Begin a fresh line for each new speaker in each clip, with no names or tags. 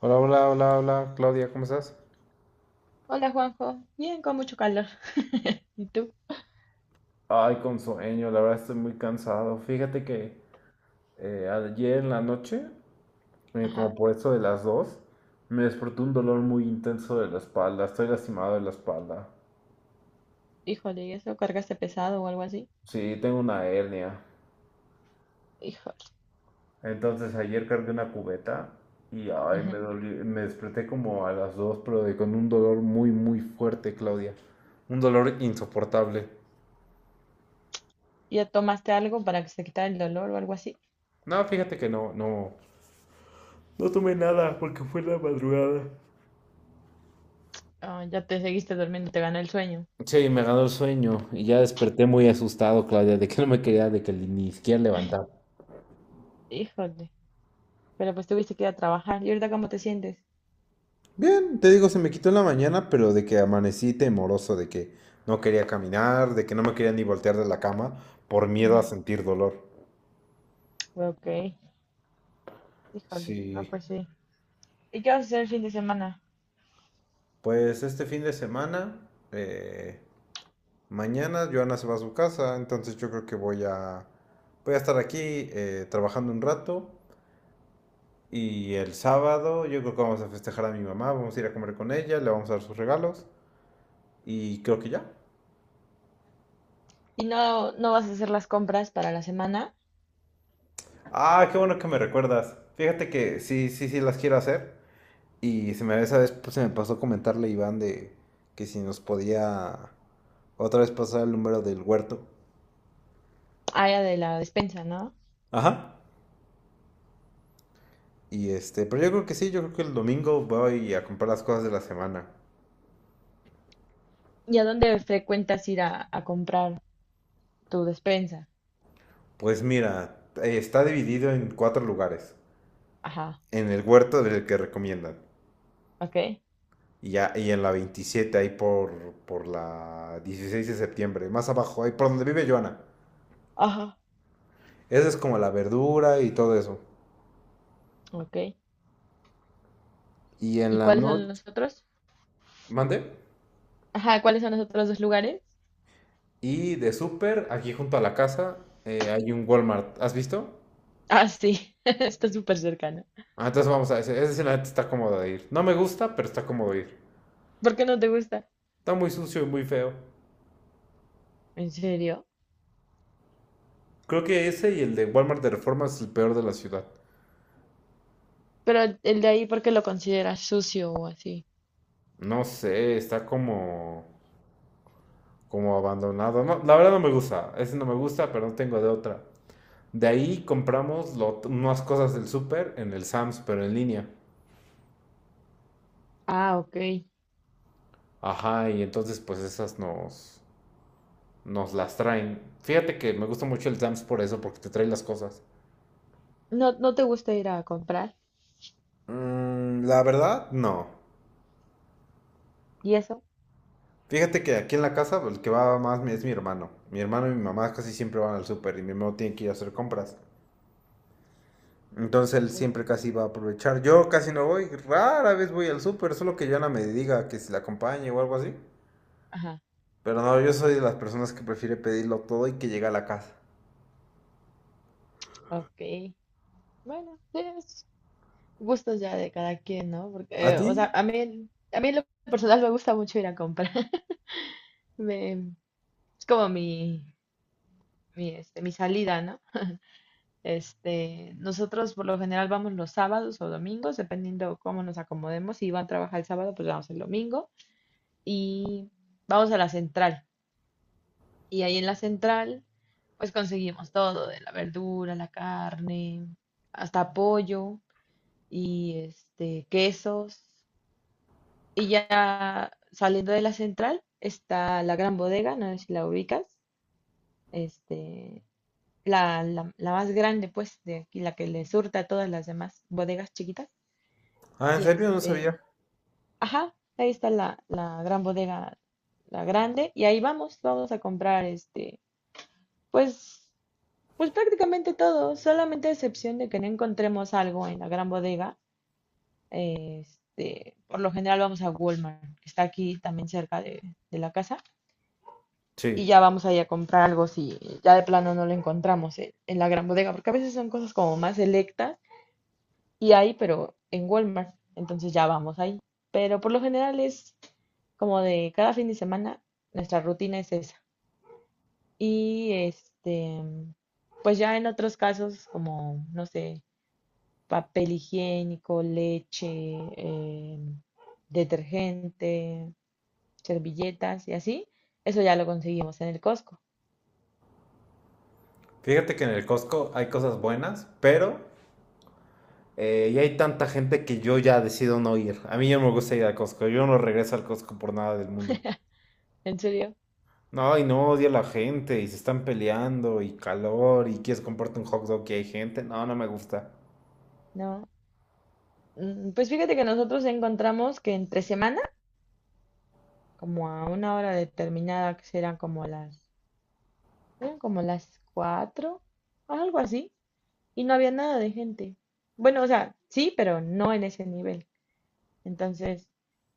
Hola, hola, hola, hola, Claudia, ¿cómo estás?
Hola Juanjo, bien con mucho calor. ¿Y tú?
Ay, con sueño, la verdad estoy muy cansado. Fíjate que ayer en la noche, como
Ajá,
por eso de las 2, me despertó un dolor muy intenso de la espalda. Estoy lastimado de la espalda.
híjole, ¿y eso cargaste pesado o algo así?
Sí, tengo una hernia.
Híjole.
Entonces ayer cargué una cubeta y ay,
Ujú.
me desperté como a las 2, pero con un dolor muy, muy fuerte, Claudia. Un dolor insoportable.
¿Ya tomaste algo para que se quitara el dolor o algo así?
No, fíjate que no, no. No tomé nada porque fue en la madrugada.
Ah, ya te seguiste durmiendo, te ganó el sueño.
Sí, me ganó el sueño y ya desperté muy asustado, Claudia, de que no me quería, de que ni siquiera levantar.
Híjole, pero pues tuviste que ir a trabajar. ¿Y ahorita cómo te sientes?
Bien, te digo, se me quitó en la mañana, pero de que amanecí temoroso, de que no quería caminar, de que no me quería ni voltear de la cama por miedo a
Ujú.
sentir dolor.
Ok, híjole, no
Sí,
pues sí. ¿Y qué vas a hacer el fin de semana?
pues este fin de semana, mañana Joana se va a su casa, entonces yo creo que voy a estar aquí trabajando un rato y el sábado yo creo que vamos a festejar a mi mamá, vamos a ir a comer con ella, le vamos a dar sus regalos y creo que ya.
¿Y no, no vas a hacer las compras para la semana?
Ah, qué bueno que me recuerdas. Fíjate que sí, sí, sí las quiero hacer. Y esa vez pues, se me pasó comentarle a Iván de que si nos podía otra vez pasar el número del huerto.
Allá de la despensa, ¿no?
Ajá. Y este, pero yo creo que sí, yo creo que el domingo voy a comprar las cosas de la semana.
¿Y a dónde frecuentas ir a comprar tu despensa?
Pues mira, está dividido en cuatro lugares.
Ajá,
En el huerto del que recomiendan.
ok.
Y en la 27 ahí por la 16 de septiembre. Más abajo, ahí por donde vive Joana.
Ajá,
Esa es como la verdura y todo eso.
ok.
Y en
¿Y
la
cuáles son
noche,
los otros?
mande.
Ajá, ¿cuáles son los otros dos lugares?
Y de súper, aquí junto a la casa, hay un Walmart. ¿Has visto?
Ah, sí, está súper cercano.
Ah, entonces vamos a ese. Ese sí, la neta está cómodo de ir. No me gusta, pero está cómodo de ir.
¿Por qué no te gusta?
Está muy sucio y muy feo.
¿En serio?
Creo que ese y el de Walmart de Reforma es el peor de la ciudad.
Pero el de ahí, ¿por qué lo consideras sucio o así?
No sé, está como abandonado. No, la verdad no me gusta. Ese no me gusta, pero no tengo de otra. De ahí compramos unas cosas del súper en el Sam's, pero en línea.
Ah, ok.
Ajá, y entonces pues esas nos las traen. Fíjate que me gusta mucho el Sam's por eso, porque te trae las cosas.
¿No, no te gusta ir a comprar?
Mm, la verdad, no.
¿Y eso?
Fíjate que aquí en la casa el que va más es mi hermano. Mi hermano y mi mamá casi siempre van al súper y mi hermano tiene que ir a hacer compras. Entonces él siempre
Ok.
casi va a aprovechar. Yo casi no voy, rara vez voy al súper, solo que Joana me diga que si la acompañe o algo así.
Ajá,
Pero no, yo soy de las personas que prefiere pedirlo todo y que llegue a la casa.
ok. Bueno, sí, es gustos ya de cada quien, ¿no? Porque,
¿A ti?
o sea, a mí, a mí en lo personal me gusta mucho ir a comprar. Me- es como mi salida, ¿no? Este, nosotros por lo general vamos los sábados o domingos, dependiendo cómo nos acomodemos. Si Iván trabaja el sábado, pues vamos el domingo. Y vamos a la central. Y ahí en la central, pues conseguimos todo, de la verdura, la carne, hasta pollo y este, quesos. Y ya saliendo de la central está la gran bodega, no sé si la ubicas, este, la más grande, pues, de aquí, la que le surta a todas las demás bodegas chiquitas.
Ah, ¿en
Y
serio? No sabía.
este, ajá, ahí está la gran bodega, la grande, y ahí vamos, vamos a comprar este, pues, pues prácticamente todo, solamente a excepción de que no encontremos algo en la gran bodega. Este, por lo general vamos a Walmart, que está aquí también cerca de la casa, y
Sí.
ya vamos ahí a comprar algo si ya de plano no lo encontramos en la gran bodega, porque a veces son cosas como más selectas y hay, pero en Walmart. Entonces ya vamos ahí. Pero por lo general es como de cada fin de semana, nuestra rutina es esa. Y este, pues ya en otros casos, como, no sé, papel higiénico, leche, eh, detergente, servilletas y así, eso ya lo conseguimos en el Costco.
Fíjate que en el Costco hay cosas buenas, pero ya hay tanta gente que yo ya decido no ir. A mí ya no me gusta ir al Costco. Yo no regreso al Costco por nada del mundo.
¿En serio?
No, y no odio a la gente, y se están peleando, y calor, y quieres comprarte un hot dog que hay gente. No, no me gusta.
No. Mm, pues fíjate que nosotros encontramos que entre semana, como a una hora determinada, que serán como las eran como las 4, algo así, y no había nada de gente. Bueno, o sea, sí, pero no en ese nivel. Entonces,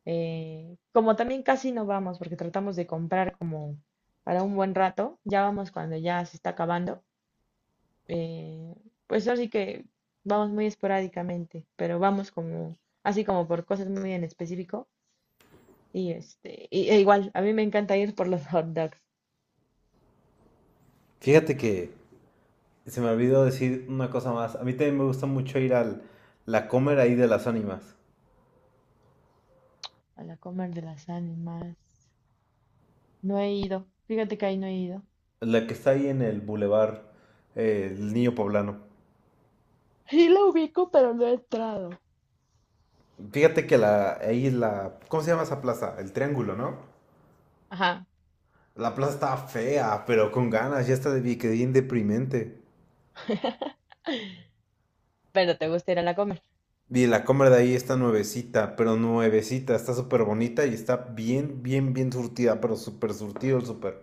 como también casi no vamos, porque tratamos de comprar como para un buen rato, ya vamos cuando ya se está acabando, eh, pues así que vamos muy esporádicamente, pero vamos como, así como por cosas muy en específico. Y este, y, e igual, a mí me encanta ir por los hot dogs,
Fíjate que se me olvidó decir una cosa más. A mí también me gusta mucho ir al La Comer ahí de las Ánimas,
a la Comer de las Ánimas. No he ido. Fíjate que ahí no he ido.
la que está ahí en el Boulevard El Niño Poblano.
Sí la ubico, pero no he entrado.
Fíjate que la, ahí la... ¿Cómo se llama esa plaza? El Triángulo, ¿no?
Ajá,
La plaza está fea, pero con ganas, ya está de que bien deprimente.
pero te gusta ir a la Comer.
Y la compra de ahí está nuevecita, pero nuevecita, está súper bonita y está bien, bien, bien surtida, pero súper surtido el súper.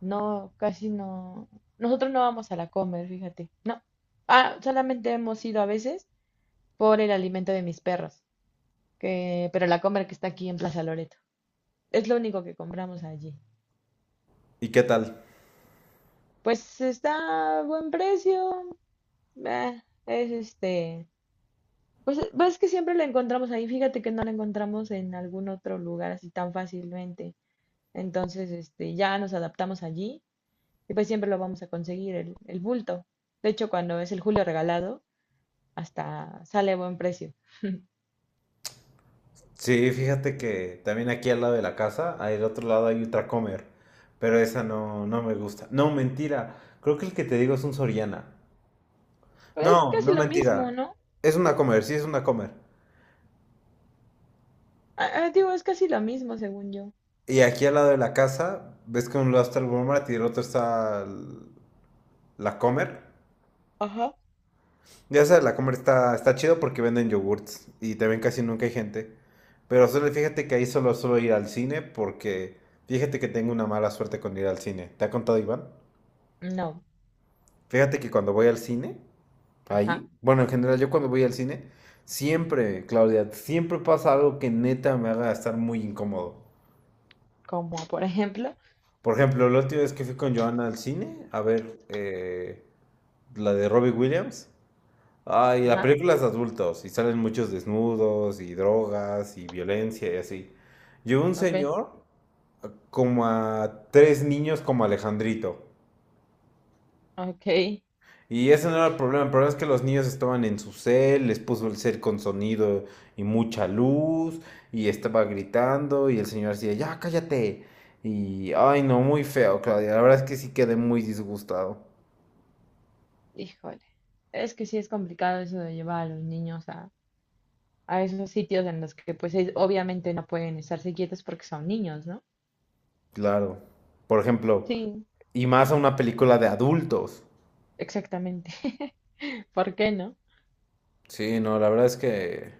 No, casi no. Nosotros no vamos a la Comer, fíjate. No. Ah, solamente hemos ido a veces por el alimento de mis perros, que, pero la Comer que está aquí en Plaza Loreto. Es lo único que compramos allí.
¿Y qué tal?
Pues está a buen precio. Es este. Pues pues es que siempre lo encontramos ahí. Fíjate que no lo encontramos en algún otro lugar así tan fácilmente. Entonces, este, ya nos adaptamos allí y pues siempre lo vamos a conseguir, el bulto. De hecho, cuando es el julio regalado, hasta sale a buen precio.
Sí, fíjate que también aquí al lado de la casa, al otro lado hay otra comer, pero esa no, no me gusta. No, mentira, creo que el que te digo es un Soriana.
Pero es
No,
casi
no
lo mismo,
mentira,
¿no?
es una comer, sí es una comer.
Ah, ah, digo, es casi lo mismo, según yo.
Y aquí al lado de la casa, ves que un lado está el Walmart y del otro está la Comer.
Ajá.
Ya sabes, la Comer está chido porque venden yogurts y te ven casi nunca hay gente. Pero solo fíjate que ahí solo suelo ir al cine porque fíjate que tengo una mala suerte con ir al cine. ¿Te ha contado Iván?
No,
Fíjate que cuando voy al cine,
ajá.
ahí, bueno, en general yo cuando voy al cine, siempre, Claudia, siempre pasa algo que neta me haga estar muy incómodo.
Como por ejemplo,
Por ejemplo, la última vez que fui con Joana al cine, a ver, la de Robbie Williams. Ay, la
ajá,
película es de adultos y salen muchos desnudos y drogas y violencia y así. Llevó un
ok,
señor como a tres niños como Alejandrito.
ok.
Y ese no era el problema es que los niños estaban en su cel, les puso el cel con sonido y mucha luz y estaba gritando y el señor decía, ya cállate. Y, ay, no, muy feo, Claudia. La verdad es que sí quedé muy disgustado.
Híjole. Es que sí es complicado eso de llevar a los niños a esos sitios en los que pues ellos obviamente no pueden estarse quietos porque son niños, ¿no?
Claro. Por ejemplo,
Sí,
y más a una película de adultos.
exactamente. ¿Por qué no?
Sí, no, la verdad es que...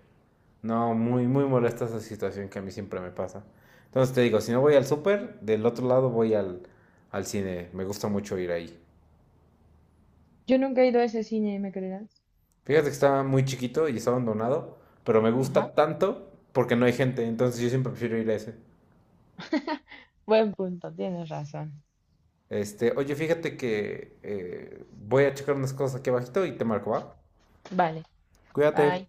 No, muy, muy molesta esa situación que a mí siempre me pasa. Entonces te digo, si no voy al súper, del otro lado voy al cine. Me gusta mucho ir ahí.
Yo nunca he ido a ese cine, ¿me creerás?
Fíjate que está muy chiquito y está abandonado, pero me
Ajá.
gusta tanto porque no hay gente, entonces yo siempre prefiero ir a ese.
Buen punto, tienes razón.
Este, oye, fíjate que voy a checar unas cosas aquí abajito y te marco, ¿va?
Vale,
Cuídate.
bye.